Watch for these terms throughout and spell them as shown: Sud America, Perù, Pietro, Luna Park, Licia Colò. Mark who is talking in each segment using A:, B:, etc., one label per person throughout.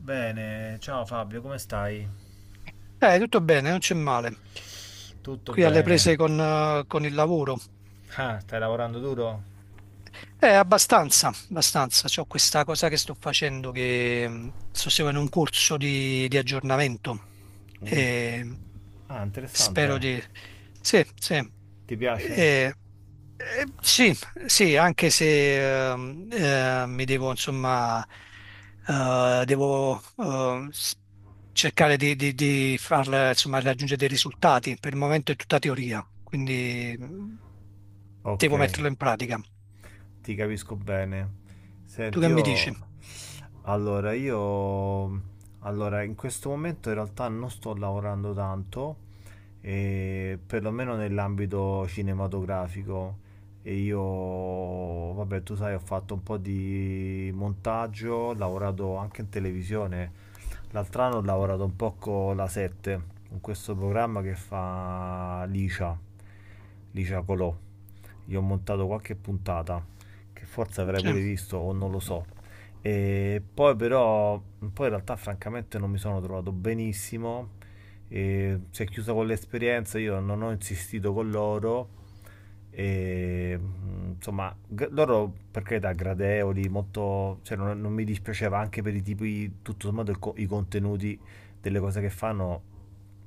A: Bene, ciao Fabio, come stai?
B: Tutto bene, non c'è male.
A: Tutto
B: Qui alle prese
A: bene.
B: con il lavoro.
A: Ah, stai lavorando duro?
B: Abbastanza, abbastanza. C'ho questa cosa che sto facendo che sto seguendo un corso di aggiornamento
A: Mm.
B: e
A: Ah,
B: spero
A: interessante.
B: di... Sì, sì.
A: Ti piace?
B: Eh, sì, sì, anche se mi devo, insomma, devo cercare di, di farla, insomma, raggiungere dei risultati. Per il momento è tutta teoria, quindi
A: Ok,
B: devo metterlo in pratica.
A: ti capisco bene.
B: Tu
A: Senti,
B: che mi dici?
A: io... Allora, in questo momento in realtà non sto lavorando tanto, perlomeno nell'ambito cinematografico. E io, vabbè, tu sai, ho fatto un po' di montaggio, ho lavorato anche in televisione. L'altro anno ho lavorato un po' con la 7, con questo programma che fa Licia, Licia Colò. Gli ho montato qualche puntata, che forse avrai
B: Cioè,
A: pure visto o non lo so. E poi però, poi in realtà francamente non mi sono trovato benissimo, e si è chiusa con l'esperienza, io non ho insistito con loro e, insomma, loro per carità gradevoli, molto, cioè, non mi dispiaceva anche per i tipi, tutto sommato i contenuti delle cose che fanno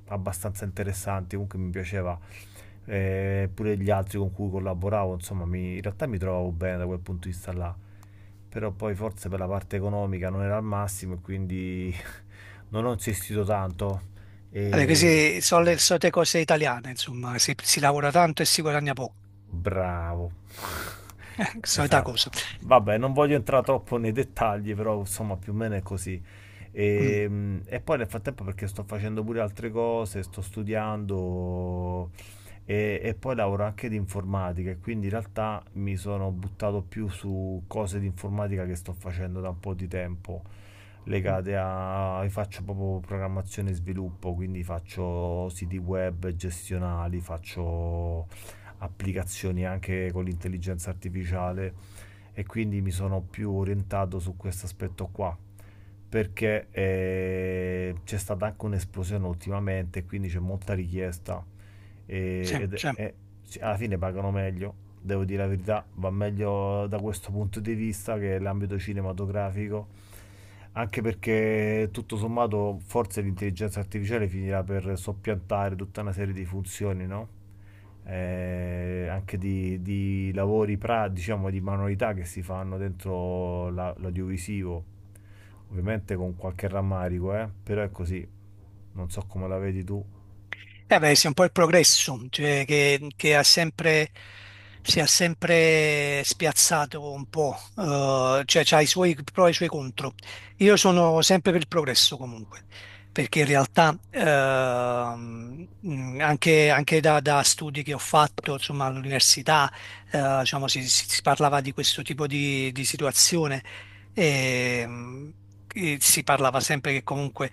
A: abbastanza interessanti, comunque mi piaceva. Pure gli altri con cui collaboravo, insomma, in realtà mi trovavo bene da quel punto di vista là, però poi forse per la parte economica non era al massimo e quindi non ho insistito tanto
B: vabbè,
A: e
B: queste sono le solite cose italiane, insomma, si lavora tanto e si guadagna poco.
A: Bravo.
B: Solita
A: Esatto.
B: cosa.
A: Vabbè, non voglio entrare troppo nei dettagli, però insomma più o meno è così.
B: Mm,
A: E poi nel frattempo perché sto facendo pure altre cose, sto studiando e poi lavoro anche di informatica e quindi in realtà mi sono buttato più su cose di informatica che sto facendo da un po' di tempo,
B: mm,
A: io faccio proprio programmazione e sviluppo, quindi faccio siti web gestionali, faccio applicazioni anche con l'intelligenza artificiale e quindi mi sono più orientato su questo aspetto qua perché c'è stata anche un'esplosione ultimamente quindi c'è molta richiesta. e,
B: sì,
A: ed-
B: sì.
A: e sì, alla fine pagano meglio, devo dire la verità, va meglio da questo punto di vista che l'ambito cinematografico, anche perché tutto sommato forse l'intelligenza artificiale finirà per soppiantare tutta una serie di funzioni, no? Anche di, lavori, diciamo, di manualità che si fanno l'audiovisivo. Ovviamente con qualche rammarico, però è così. Non so come la vedi tu.
B: Eh beh, sì, un po' il progresso, cioè che ha sempre, si è sempre spiazzato un po', cioè ha i suoi pro e i suoi contro. Io sono sempre per il progresso comunque, perché in realtà anche, anche da, da studi che ho fatto, insomma, all'università, diciamo, si parlava di questo tipo di situazione e, mh, e si parlava sempre che comunque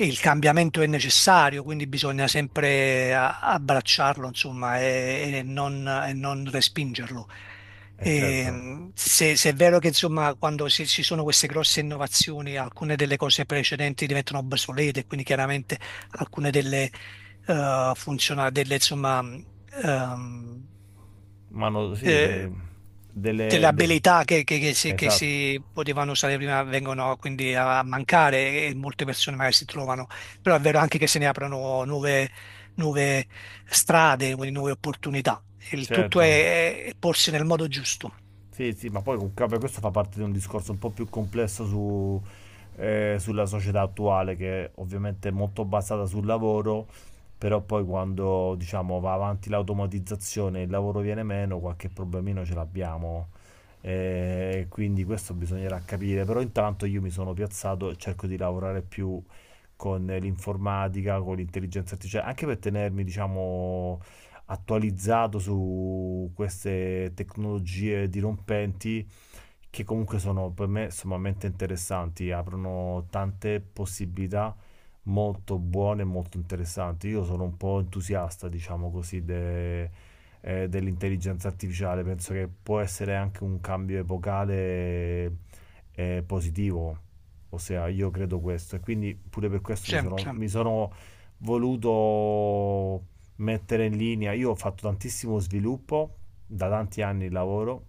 B: e il cambiamento è necessario, quindi bisogna sempre abbracciarlo, insomma, e non respingerlo.
A: Eh
B: E,
A: certo.
B: se, se è vero che, insomma, quando ci sono queste grosse innovazioni, alcune delle cose precedenti diventano obsolete, quindi chiaramente alcune delle, funziona delle, ehm,
A: Ma no, sì,
B: eh,
A: delle...
B: delle
A: de-
B: abilità che
A: esatto,
B: si potevano usare prima vengono quindi a mancare e molte persone magari si trovano, però è vero anche che se ne aprono nuove, nuove strade, quindi nuove opportunità. Il tutto
A: certo.
B: è porsi nel modo giusto,
A: Sì, sì, ma poi comunque vabbè, questo fa parte di un discorso un po' più complesso sulla società attuale, che ovviamente è molto basata sul lavoro, però poi quando diciamo va avanti l'automatizzazione e il lavoro viene meno, qualche problemino ce l'abbiamo. Quindi questo bisognerà capire, però intanto io mi sono piazzato e cerco di lavorare più con l'informatica, con l'intelligenza artificiale, anche per tenermi, diciamo, attualizzato su queste tecnologie dirompenti che comunque sono per me sommamente interessanti, aprono tante possibilità molto buone e molto interessanti. Io sono un po' entusiasta, diciamo così, dell'intelligenza artificiale, penso che può essere anche un cambio epocale, positivo, ossia io credo questo e quindi pure per questo mi
B: sempre.
A: sono,
B: Sì,
A: mi sono voluto mettere in linea. Io ho fatto tantissimo sviluppo, da tanti anni lavoro,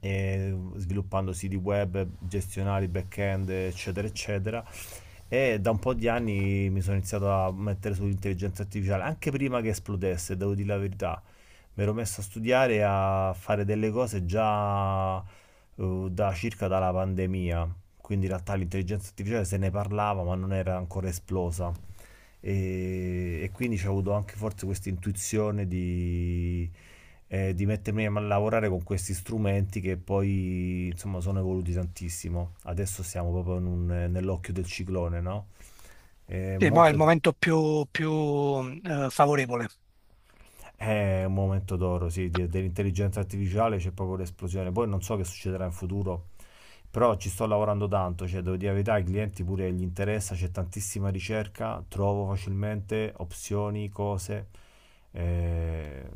A: e sviluppando siti web, gestionali, back-end, eccetera, eccetera. E da un po' di anni mi sono iniziato a mettere sull'intelligenza artificiale, anche prima che esplodesse, devo dire la verità. Mi ero messo a studiare e a fare delle cose già, da circa dalla pandemia. Quindi in realtà l'intelligenza artificiale se ne parlava, ma non era ancora esplosa e quindi ho avuto anche forse questa intuizione di mettermi a lavorare con questi strumenti che poi insomma sono evoluti tantissimo. Adesso siamo proprio nell'occhio del ciclone, no? È
B: sì, mo è il
A: molto
B: momento più, più, favorevole.
A: È un momento d'oro, sì, dell'intelligenza artificiale c'è proprio l'esplosione. Poi non so che succederà in futuro, però ci sto lavorando tanto, cioè devo dire la verità, ai clienti pure gli interessa, c'è tantissima ricerca, trovo facilmente opzioni, cose, eh,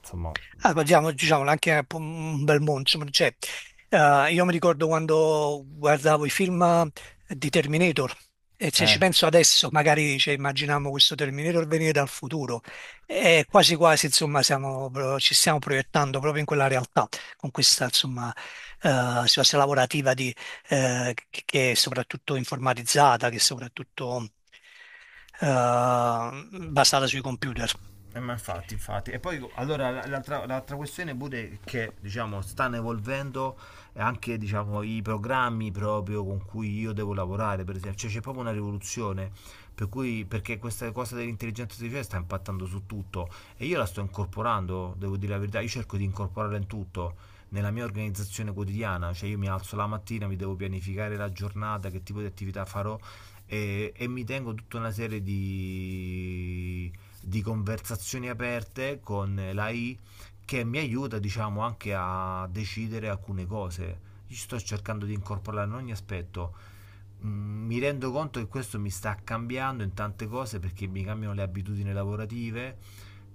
A: insomma,
B: Ah, parliamo, diciamolo, anche un po' un bel mondo, insomma, cioè, io mi ricordo quando guardavo i film di Terminator e se ci
A: eh.
B: penso adesso, magari cioè, immaginiamo questo Terminator venire dal futuro e quasi quasi, insomma, ci stiamo proiettando proprio in quella realtà, con questa, insomma, situazione lavorativa di, che è soprattutto informatizzata, che è soprattutto eh, basata sui computer.
A: Ma infatti, infatti. E poi allora l'altra questione pure è che diciamo stanno evolvendo anche diciamo, i programmi proprio con cui io devo lavorare, per esempio. Cioè c'è proprio una rivoluzione. Per cui, perché questa cosa dell'intelligenza artificiale sta impattando su tutto e io la sto incorporando, devo dire la verità, io cerco di incorporarla in tutto nella mia organizzazione quotidiana, cioè io mi alzo la mattina, mi devo pianificare la giornata, che tipo di attività farò e mi tengo tutta una serie di conversazioni aperte con l'AI che mi aiuta, diciamo, anche a decidere alcune cose. Io sto cercando di incorporarlo in ogni aspetto. Mi rendo conto che questo mi sta cambiando in tante cose perché mi cambiano le abitudini lavorative,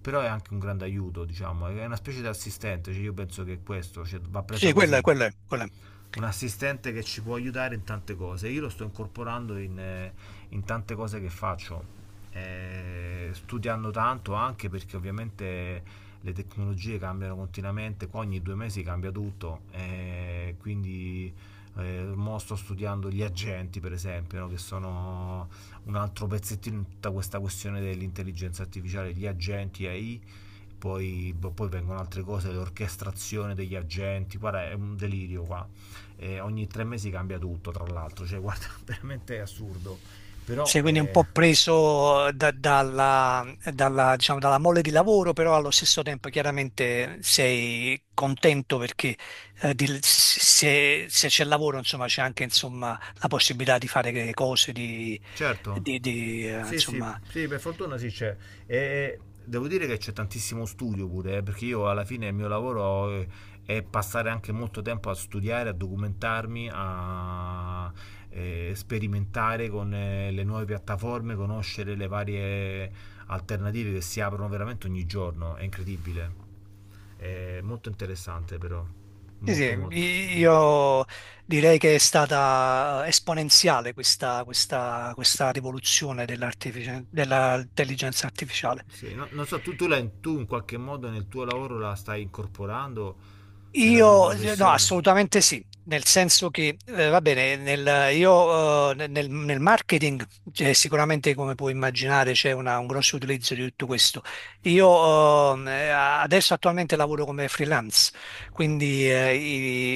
A: però è anche un grande aiuto, diciamo, è una specie di assistente, cioè io penso che questo, cioè, va presa
B: Sì, quello è,
A: così.
B: quello è, quello è.
A: Un assistente che ci può aiutare in tante cose. Io lo sto incorporando in tante cose che faccio, studiando tanto anche perché ovviamente le tecnologie cambiano continuamente, qua ogni 2 mesi cambia tutto, quindi mo sto studiando gli agenti per esempio, no, che sono un altro pezzettino in tutta questa questione dell'intelligenza artificiale, gli agenti AI poi, boh, poi vengono altre cose, l'orchestrazione degli agenti, guarda è un delirio qua. E ogni 3 mesi cambia tutto tra l'altro, cioè guarda veramente è assurdo, però
B: Sì, quindi un po' dalla, dalla, diciamo, dalla mole di lavoro, però allo stesso tempo chiaramente sei contento perché se, se c'è lavoro, insomma, c'è anche insomma, la possibilità di fare le cose,
A: Certo. Sì, sì,
B: insomma...
A: sì, per fortuna sì c'è. E devo dire che c'è tantissimo studio pure, perché io alla fine il mio lavoro, è passare anche molto tempo a studiare, a documentarmi, a sperimentare con le nuove piattaforme, conoscere le varie alternative che si aprono veramente ogni giorno. È incredibile. È molto interessante però.
B: Sì, sì,
A: Molto molto.
B: io direi che è stata esponenziale questa, questa, questa rivoluzione dell'intelligenza artificiale.
A: Sì, non so, tu in qualche modo nel tuo lavoro la stai incorporando nella tua
B: No,
A: professione?
B: assolutamente sì, nel senso che, va bene, nel marketing, cioè, sicuramente come puoi immaginare c'è un grosso utilizzo di tutto questo. Io, adesso attualmente lavoro come freelance quindi eh,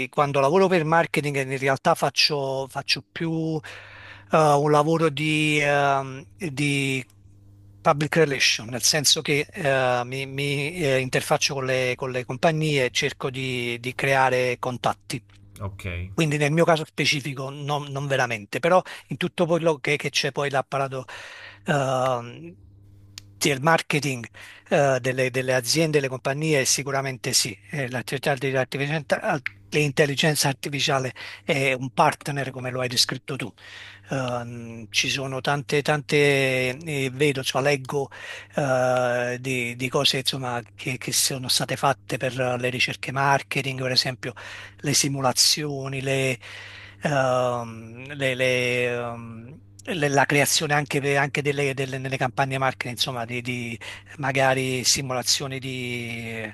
B: i- quando lavoro per marketing in realtà faccio, faccio più un lavoro di public relation, nel senso che mi, interfaccio con le compagnie e cerco di creare contatti.
A: Ok,
B: Quindi nel mio caso specifico non, non veramente, però in tutto quello che c'è poi l'apparato ehm, del marketing delle, delle aziende, delle compagnie, sicuramente sì. L'intelligenza artificiale è un partner come lo hai descritto tu. Ci sono tante, tante, vedo, insomma, leggo di cose insomma, che sono state fatte per le ricerche marketing, per esempio le simulazioni, la creazione anche, anche delle, nelle campagne marketing, insomma, magari simulazioni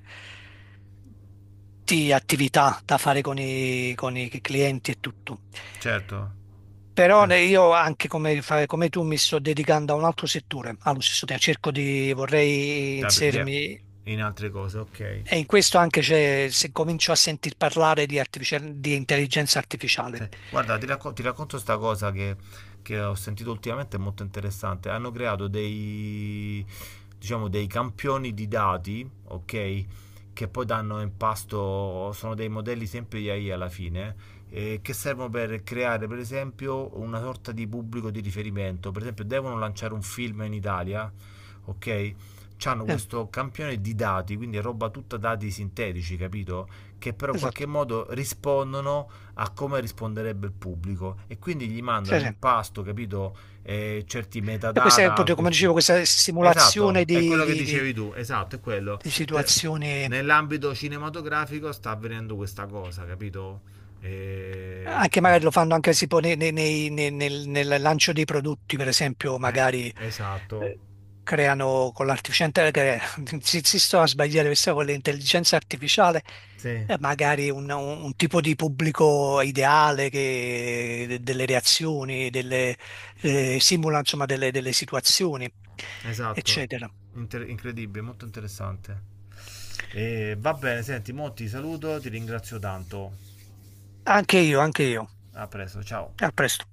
B: di attività da fare con i clienti e tutto.
A: certo,
B: Però
A: certo.
B: io anche come, come tu mi sto dedicando a un altro settore, allo stesso tempo cerco di, vorrei
A: Ah, yeah,
B: inserirmi,
A: in altre cose, ok.
B: e in questo anche c'è, se comincio a sentir parlare di, di intelligenza artificiale.
A: Sì. Guarda, ti racconto questa cosa che ho sentito ultimamente, è molto interessante. Hanno creato dei, diciamo, dei campioni di dati, ok? Che poi danno in pasto, sono dei modelli sempre di AI alla fine, che servono per creare, per esempio, una sorta di pubblico di riferimento. Per esempio, devono lanciare un film in Italia, ok? C'hanno
B: Eh,
A: questo campione di dati, quindi è roba tutta dati sintetici, capito? Che però in qualche
B: esatto,
A: modo rispondono a come risponderebbe il pubblico e quindi gli
B: sì,
A: mandano
B: sì.
A: in pasto, capito, certi
B: E questa è
A: metadata.
B: proprio, come dicevo, questa simulazione
A: Esatto, è quello che dicevi tu, esatto, è quello.
B: di
A: Te-
B: situazioni.
A: Nell'ambito cinematografico sta avvenendo questa cosa, capito? Eh,
B: Anche
A: chi-
B: magari lo fanno anche tipo nel lancio dei prodotti, per esempio,
A: eh,
B: magari
A: esatto,
B: eh, creano con l'artificiale, cre- si sto a sbagliare, questa con l'intelligenza artificiale,
A: sì,
B: magari un tipo di pubblico ideale delle reazioni, delle, simula insomma delle delle situazioni,
A: esatto.
B: eccetera.
A: Incredibile, molto interessante. Va bene, senti, mo ti saluto, ti ringrazio tanto.
B: Anche io, anche io.
A: A presto, ciao.
B: A presto.